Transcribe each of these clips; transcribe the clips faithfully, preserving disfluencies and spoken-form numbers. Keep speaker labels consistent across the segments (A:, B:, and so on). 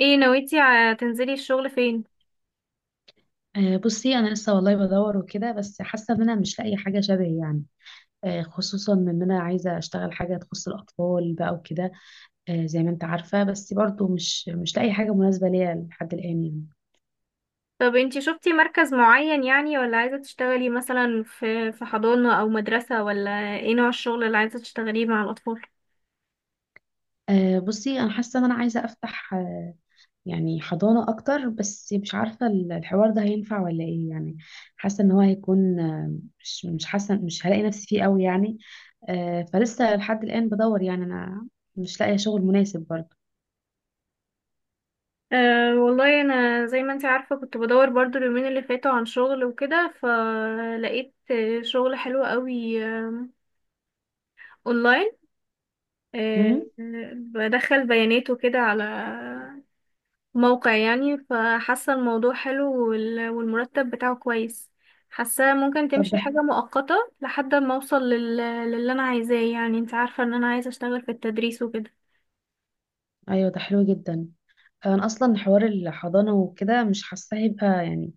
A: ايه نويتي ع- تنزلي الشغل فين؟
B: آه، بصي انا لسه والله بدور وكده، بس حاسه ان انا مش لاقي حاجه شبهي يعني. آه، خصوصا ان انا عايزه اشتغل حاجه تخص الاطفال بقى وكده. آه، زي ما انت عارفه، بس برضو مش مش لاقي حاجه مناسبه ليا لحد الان يعني.
A: طب انتي شفتي مركز معين يعني، ولا عايزة تشتغلي مثلا في في حضانة او مدرسة، ولا ايه نوع الشغل اللي عايزة تشتغليه مع الاطفال؟
B: آه، بصي انا حاسه ان انا عايزه افتح آه، يعني حضانه اكتر، بس مش عارفه ال- الحوار ده هينفع ولا ايه يعني. حاسه ان هو هيكون آه، مش مش حاسه مش هلاقي نفسي فيه قوي يعني. آه، فلسه لحد الان بدور يعني انا مش لاقيه شغل مناسب برضو.
A: أه والله انا زي ما انتي عارفة كنت بدور برضو اليومين اللي فاتوا عن شغل وكده، فلقيت آه، شغل حلو قوي. آم، اونلاين. أه.
B: مم.
A: آه، بدخل بيانات وكده على موقع يعني، فحاسة الموضوع حلو وال- والمرتب بتاعه كويس. حاسة ممكن
B: طب
A: تمشي
B: ده حلو.
A: حاجة مؤقتة لحد ما اوصل لل... للي انا عايزاه، يعني انت عارفة ان انا عايزة اشتغل في التدريس وكده.
B: ايوه ده حلو جدا. انا اصلا حوار الحضانه وكده مش حاسه هيبقى يعني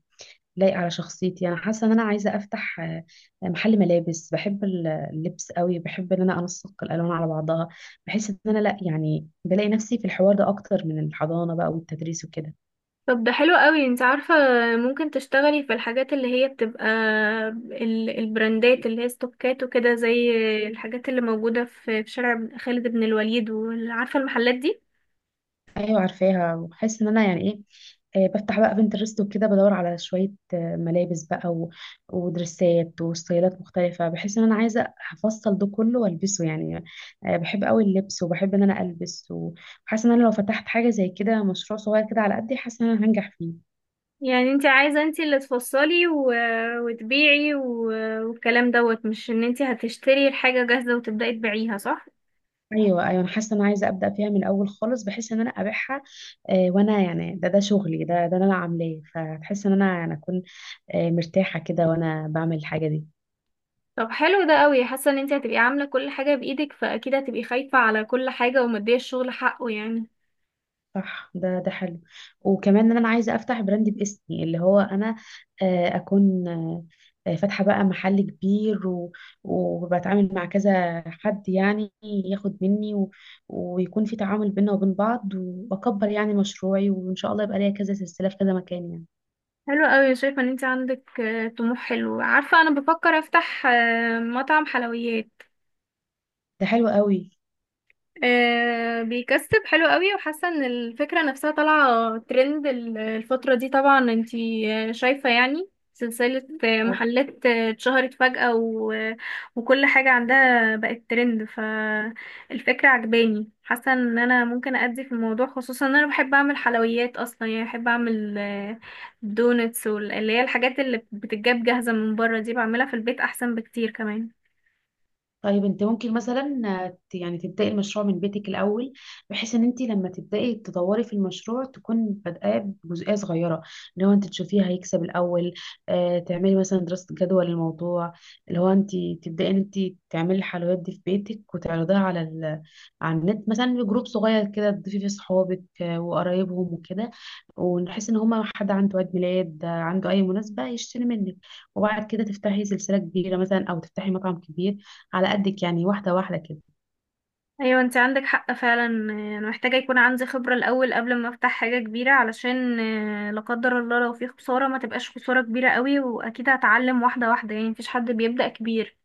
B: لايق على شخصيتي. انا حاسه ان انا عايزه افتح آه، محل ملابس. بحب ال- اللبس قوي. بحب ان انا انسق الالوان على بعضها. بحس ان انا لا، يعني بلاقي نفسي في الحوار ده اكتر من الحضانه بقى والتدريس وكده.
A: طب ده حلو قوي، انت عارفة ممكن تشتغلي في الحاجات اللي هي بتبقى ال- البراندات اللي هي ستوكات وكده، زي الحاجات اللي موجودة في في شارع خالد بن الوليد، وعارفة المحلات دي.
B: ايوه عارفاها. وبحس ان انا يعني ايه، آه، بفتح بقى بنترست وكده بدور على شويه آه، ملابس بقى و... ودرسات وستايلات مختلفه. بحس ان انا عايزه افصل ده كله والبسه يعني. آه، بحب قوي اللبس، وبحب ان انا البس، وحاسه ان انا لو فتحت حاجه زي كده مشروع صغير كده على قدي، حاسه ان انا هنجح فيه.
A: يعني انت عايزة انت اللي تفصلي و... وتبيعي و... والكلام دوت، مش ان انت هتشتري الحاجة جاهزة وتبدأي تبيعيها، صح؟
B: ايوه، ايوه، انا حاسه ان انا عايزه ابدا فيها من الاول خالص، بحيث ان انا ابيعها. آه، وانا يعني ده ده شغلي ده ده انا عاملاه، فتحس ان انا انا اكون آه، مرتاحه كده وانا بعمل الحاجه دي.
A: طب حلو ده قوي، حاسة ان انت هتبقي عاملة كل حاجة بإيدك، فأكيد هتبقي خايفة على كل حاجة ومدية الشغل حقه يعني.
B: صح، ده ده حلو. وكمان ان انا عايزه افتح براند باسمي، اللي هو انا آه، اكون آه، فاتحه بقى محل كبير و- وبتعامل مع كذا حد يعني ياخد مني و- ويكون في تعامل بينا وبين بعض، واكبر يعني مشروعي، وان شاء الله يبقى ليا كذا سلسله في كذا مكان يعني.
A: حلو قوي، شايفة ان انت عندك آه، طموح حلو. عارفة انا بفكر افتح آه، مطعم حلويات.
B: ده حلو قوي.
A: آه، بيكسب حلو قوي، وحاسه ان الفكره نفسها طالعه ترند ال- الفتره دي. طبعا انتي آه، شايفه يعني سلسله آه، محلات آه، اتشهرت فجأة و... وكل حاجه عندها بقت ترند، فالفكره عجباني. حاسه ان انا ممكن ادي في الموضوع، خصوصا ان انا بحب اعمل حلويات اصلا. يعني بحب اعمل آه، دونتس، واللي هي الحاجات اللي بتتجاب جاهزه من بره دي بعملها في البيت احسن بكتير كمان.
B: طيب، انت ممكن مثلا ت- يعني تبداي المشروع من بيتك الاول، بحيث ان انت لما تبداي تدوري في المشروع تكون بادئه بجزئيه صغيره، اللي هو انت تشوفيها هيكسب الاول. اه، تعملي مثلا دراسه جدوى للموضوع، اللي هو انت تبداي ان انت تعملي الحلويات دي في بيتك وتعرضيها على ال... على النت مثلا في جروب صغير كده، تضيفي فيه صحابك آه، وقرايبهم وكده. ونحس ان هما حد عنده عيد ميلاد، آه، عنده اي مناسبه يشتري منك. وبعد كده تفتحي سلسله كبيره مثلا، او تفتحي مطعم كبير على قدك يعني، واحدة واحدة كده.
A: ايوه، انت عندك حق فعلا. آه، انا محتاجه يكون عندي خبره الاول قبل ما افتح حاجه كبيره، علشان آه، لا قدر الله لو في خساره ما تبقاش خساره كبيره قوي. واكيد هتعلم واحده واحده يعني، مفيش حد بيبدا كبير.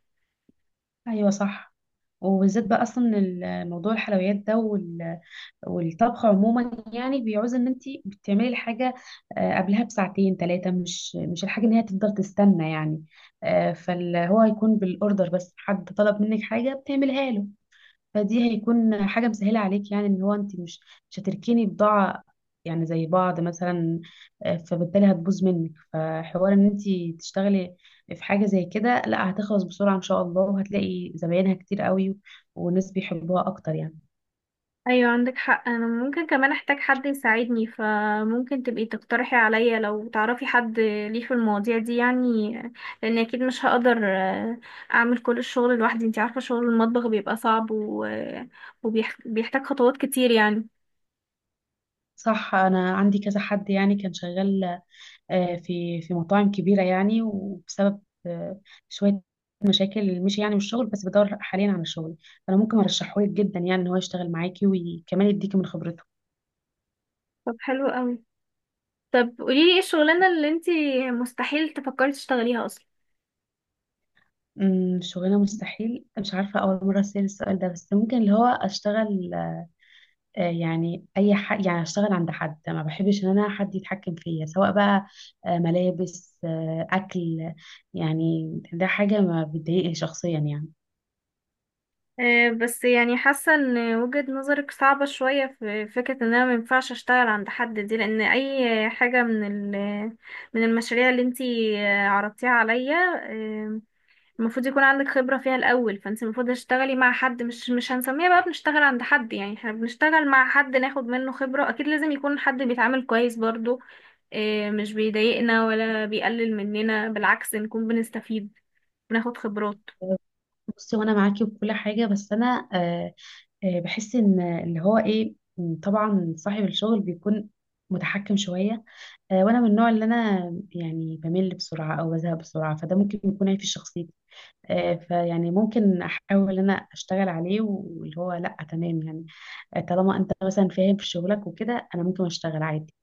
B: ايوه صح. وبالذات بقى اصلا ال- موضوع الحلويات ده وال- والطبخ عموما يعني، بيعوز ان انت بتعملي الحاجه آه، قبلها بساعتين ثلاثه، مش مش الحاجه ان هي تفضل تستنى يعني. آه، فاللي هو هيكون بالاوردر، بس حد طلب منك حاجه بتعملها له، فدي هيكون حاجة مسهلة عليك يعني، ان هو انت مش مش هتركني بضاعة يعني زي بعض مثلا. آه، فبالتالي هتبوظ منك. فحوار ان انت تشتغلي في حاجة زي كده، لا هتخلص بسرعة ان شاء الله، وهتلاقي زباينها كتير قوي، والناس بيحبوها اكتر يعني.
A: ايوه عندك حق. انا ممكن كمان احتاج حد يساعدني، فممكن تبقي تقترحي عليا لو تعرفي حد ليه في المواضيع دي يعني، آه، لان اكيد مش هقدر آه، اعمل كل الشغل لوحدي. انت عارفه شغل المطبخ بيبقى صعب، و- وبيح- وبيحتاج خطوات كتير يعني.
B: صح، انا عندي كذا حد يعني كان شغال آه، في في مطاعم كبيرة يعني، وبسبب آه، شوية مشاكل مشي يعني من الشغل، بس بدور حاليا على شغل. فانا ممكن ارشحهولك جدا يعني، ان هو يشتغل معاكي وكمان يديكي من خبرته.
A: طب حلو قوي. طب قوليلي، ايه الشغلانة اللي انتي مستحيل تفكري تشتغليها اصلا؟
B: امم شغلانة مستحيل، مش عارفة، أول مرة أسأل السؤال ده، بس ممكن اللي هو أشتغل آه، يعني أي حد، يعني أشتغل عند حد، ما بحبش إن أنا حد يتحكم فيا، سواء بقى آه، ملابس آه، أكل. يعني ده حاجة ما بتضايقني شخصيا يعني.
A: أه بس يعني حاسة ان وجهة نظرك صعبة شوية في فكرة ان انا مينفعش اشتغل عند حد دي، لان اي حاجة من ال من المشاريع اللي انتي آه، عرضتيها عليا، آه، المفروض يكون عندك خبرة فيها الاول. فانتي المفروض تشتغلي مع حد، مش مش هنسميها بقى بنشتغل عند حد، يعني احنا بنشتغل مع حد ناخد منه خبرة. اكيد لازم يكون حد بيتعامل كويس برضو، آه، مش بيضايقنا ولا بيقلل مننا، بالعكس نكون بنستفيد، بناخد خبرات.
B: بصي، وانا معاكي بكل حاجه، بس انا آه، آه، بحس ان اللي هو ايه، م، طبعا صاحب الشغل بيكون متحكم شويه. آه، وانا من النوع اللي انا يعني بمل بسرعه او بزهق بسرعه، فده ممكن يكون عيب في شخصيتي. آه، فيعني ممكن احاول ان انا اشتغل عليه، واللي هو لا تمام يعني. آه، طالما انت مثلا فاهم في شغلك وكده، انا ممكن اشتغل عادي.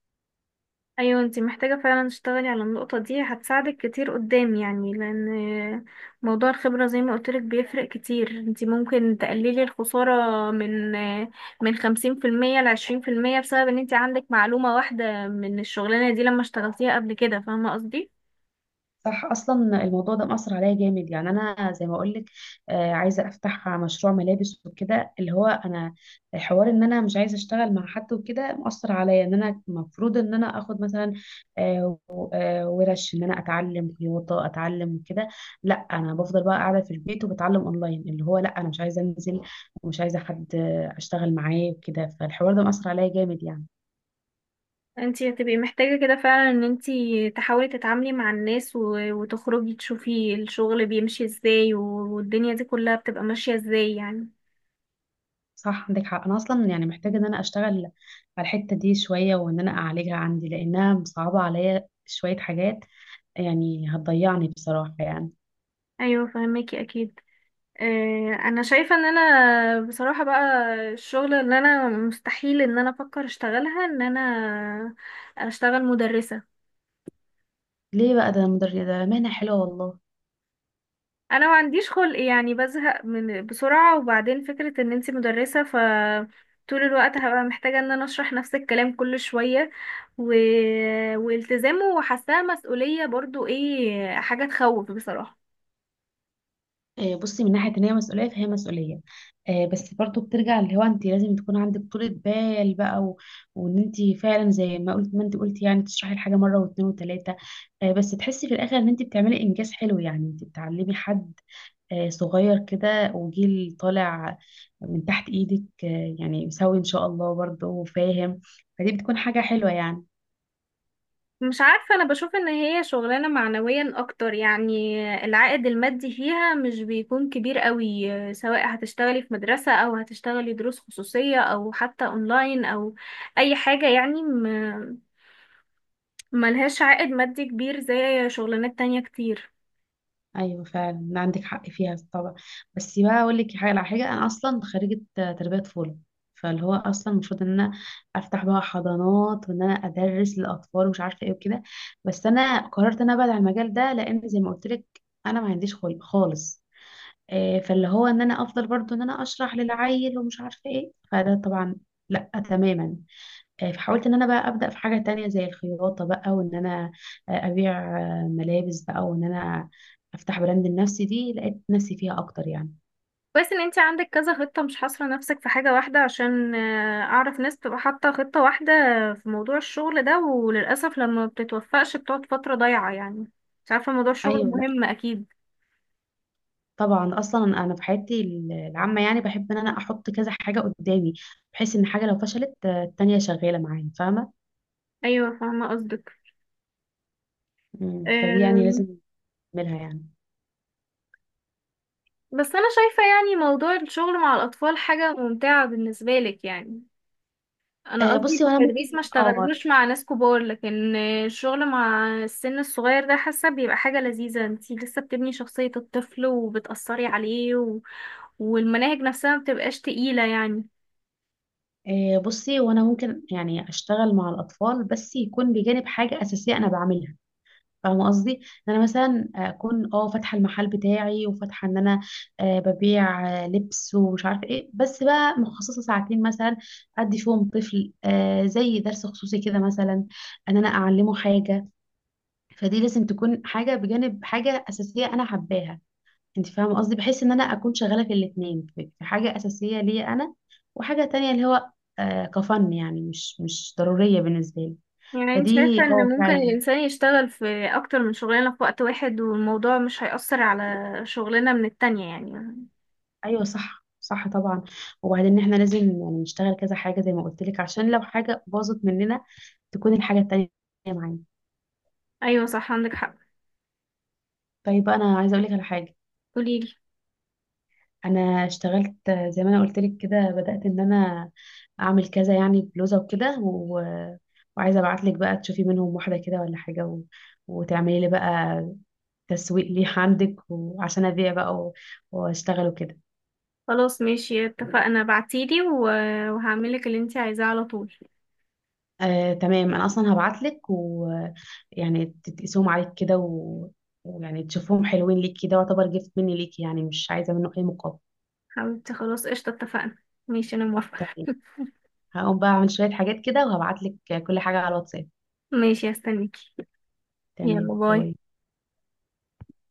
A: ايوه انتي محتاجة فعلا تشتغلي على النقطة دي، هتساعدك كتير قدام يعني. لان موضوع الخبرة زي ما قلتلك بيفرق كتير. انتي ممكن تقللي الخسارة من من خمسين في المية لعشرين في المية، بسبب ان انتي عندك معلومة واحدة من الشغلانة دي لما اشتغلتيها قبل كده. فاهمة قصدي؟
B: صح، اصلا الموضوع ده مأثر عليا جامد يعني، انا زي ما اقول لك عايزه افتح مشروع ملابس وكده، اللي هو انا حوار ان انا مش عايزه اشتغل مع حد وكده، مأثر عليا ان انا المفروض ان انا اخد مثلا آه، و- آه، ورش ان انا اتعلم خياطه، اتعلم كده. لا، انا بفضل بقى قاعده في البيت وبتعلم اونلاين، اللي هو لا، انا مش عايزه انزل ومش عايزه حد آه، اشتغل معاه وكده، فالحوار ده مأثر عليا جامد يعني.
A: انتي هتبقي محتاجة كده فعلا ان انتي تحاولي تتعاملي مع الناس، و- وتخرجي تشوفي الشغل بيمشي ازاي، والدنيا دي كلها بتبقى ماشية ازاي يعني.
B: صح عندك حق، انا اصلا يعني محتاجه ان انا اشتغل على الحته دي شويه، وان انا اعالجها عندي لانها مصعبه عليا شويه حاجات، يعني هتضيعني بصراحه يعني.
A: ايوه فهماكي اكيد. آه، انا شايفه ان انا بصراحه بقى الشغل ان انا مستحيل ان انا افكر اشتغلها، ان انا اشتغل مدرسه.
B: ليه بقى؟ ده مدر ده مهنه حلوه والله.
A: انا ما عنديش خلق يعني، بزهق من بسرعه. وبعدين فكره ان انتي مدرسه ف طول الوقت هبقى محتاجه ان انا اشرح نفس الكلام كل شويه و... والتزامه، وحاساه مسؤوليه برضو، ايه حاجه تخوف بصراحه.
B: آه، بصي، من ناحيه ان هي مسؤوليه فهي مسؤوليه. آه، بس برضو بترجع اللي هو انت لازم تكون عندك طولة بال بقى و... وان انت فعلا زي ما قلت ما انت قلتي يعني، تشرحي الحاجه مره واثنين وثلاثه، بس تحسي في الاخر ان انت بتعملي انجاز حلو، يعني انت بتعلمي حد آه، صغير كده وجيل طالع من تحت ايدك، آه، يعني مسوي ان شاء الله برضه وفاهم، فدي بتكون حاجة حلوة يعني.
A: مش عارفة، أنا بشوف إن هي شغلانة معنويا أكتر يعني. العائد المادي فيها مش بيكون كبير قوي، سواء هتشتغلي في مدرسة أو هتشتغلي دروس خصوصية أو حتى أونلاين أو أي حاجة يعني. م- ملهاش عائد مادي كبير زي شغلانات تانية كتير.
B: ايوه فعلا عندك حق فيها طبعا. بس بقى اقول لك حاجة على حاجة، انا اصلا خريجة آه، تربية طفولة، فاللي هو اصلا المفروض ان انا افتح بقى حضانات وان انا ادرس للاطفال ومش عارفه ايه وكده. بس انا قررت ان انا ابعد عن المجال ده، لان زي ما قلت لك انا ما عنديش خلق خالص. آه، فاللي هو ان انا افضل برضو ان انا اشرح للعيل ومش عارفه ايه، فده طبعا لا تماما. آه، فحاولت ان انا بقى ابدا في حاجه تانية زي الخياطه بقى، وان انا آه، ابيع آه، ملابس بقى، وان انا افتح براند لنفسي، دي لقيت نفسي فيها اكتر يعني.
A: كويس إن انتي عندك كذا خطة، مش حاصرة نفسك في حاجة واحدة. عشان آه، أعرف ناس بتبقى حاطة خطة واحدة في موضوع الشغل ده، وللأسف لما بتتوفقش بتقعد فترة ضايعة يعني. مش عارفة، موضوع الشغل
B: ايوه، لا،
A: مهم أكيد.
B: طبعا اصلا انا في حياتي العامه يعني بحب ان انا احط كذا حاجه قدامي، بحيث ان حاجه لو فشلت، آه، التانية شغاله معايا، فاهمه؟
A: ايوه فاهمه قصدك.
B: مم، فدي يعني
A: أم،
B: لازم اعملها يعني.
A: بس انا شايفه يعني موضوع الشغل مع الاطفال حاجه ممتعه بالنسبه لك يعني. انا
B: آه،
A: قصدي
B: بصي وانا ممكن
A: بالتدريس ما
B: اه
A: اشتغلوش مع ناس كبار، لكن الشغل مع السن الصغير ده حاسه بيبقى حاجه لذيذه. انتي لسه بتبني شخصيه الطفل وبتاثري عليه و... والمناهج نفسها ما بتبقاش تقيله يعني.
B: آه، بصي وانا ممكن يعني اشتغل مع الاطفال، بس يكون بجانب حاجه اساسيه انا بعملها. فاهمه قصدي؟ ان انا مثلا اكون اه فاتحه المحل بتاعي، وفاتحه ان انا آه، ببيع آه، لبس ومش عارفه ايه، بس بقى مخصصه ساعتين مثلا ادي فيهم طفل، آه، زي درس خصوصي كده مثلا، ان انا اعلمه حاجه. فدي لازم تكون حاجه بجانب حاجه اساسيه انا حباها. انت فاهمه قصدي، بحيث ان انا اكون شغاله في الاثنين في في حاجه اساسيه ليا انا، وحاجه تانية اللي هو آه كفن يعني مش مش ضروريه بالنسبه لي.
A: يعني انت شايفه
B: فدي
A: ان
B: اه
A: ممكن
B: فعلا.
A: الانسان يشتغل في اكتر من شغلانه في وقت واحد، والموضوع مش هيأثر على شغلنا من التانية يعني.
B: ايوه، صح، صح، طبعا. وبعدين احنا لازم يعني نشتغل كذا حاجه، زي ما قلت لك عشان لو حاجه باظت مننا تكون الحاجه التانية معانا.
A: ايوه صح، عندك حق.
B: طيب، انا عايزه اقول لك على حاجه.
A: قوليلي.
B: انا اشتغلت زي ما انا قلت لك كده، بدأت ان انا اعمل كذا يعني بلوزة وكده و... وعايزة ابعت لك بقى تشوفي منهم واحدة كده ولا حاجة و... وتعملي لي بقى تسويق ليه عندك، وعشان ابيع بقى و... واشتغل وكده.
A: خلاص ماشي، اتفقنا. بعتيلي و- وهعملك اللي انتي عايزاه على طول.
B: آه، تمام، انا اصلا هبعت لك، ويعني تقيسهم عليك كده و... ويعني تشوفهم حلوين ليك كده، واعتبر جفت مني ليك يعني، مش عايزة منه اي مقابل.
A: حبيبتي خلاص، قشطة، اتفقنا. ماشي انا موافقة.
B: تمام، هقوم بقى اعمل شوية حاجات كده، وهبعت لك كل حاجة على الواتساب.
A: ماشي هستنيكي. يلا
B: تمام،
A: باي.
B: باي.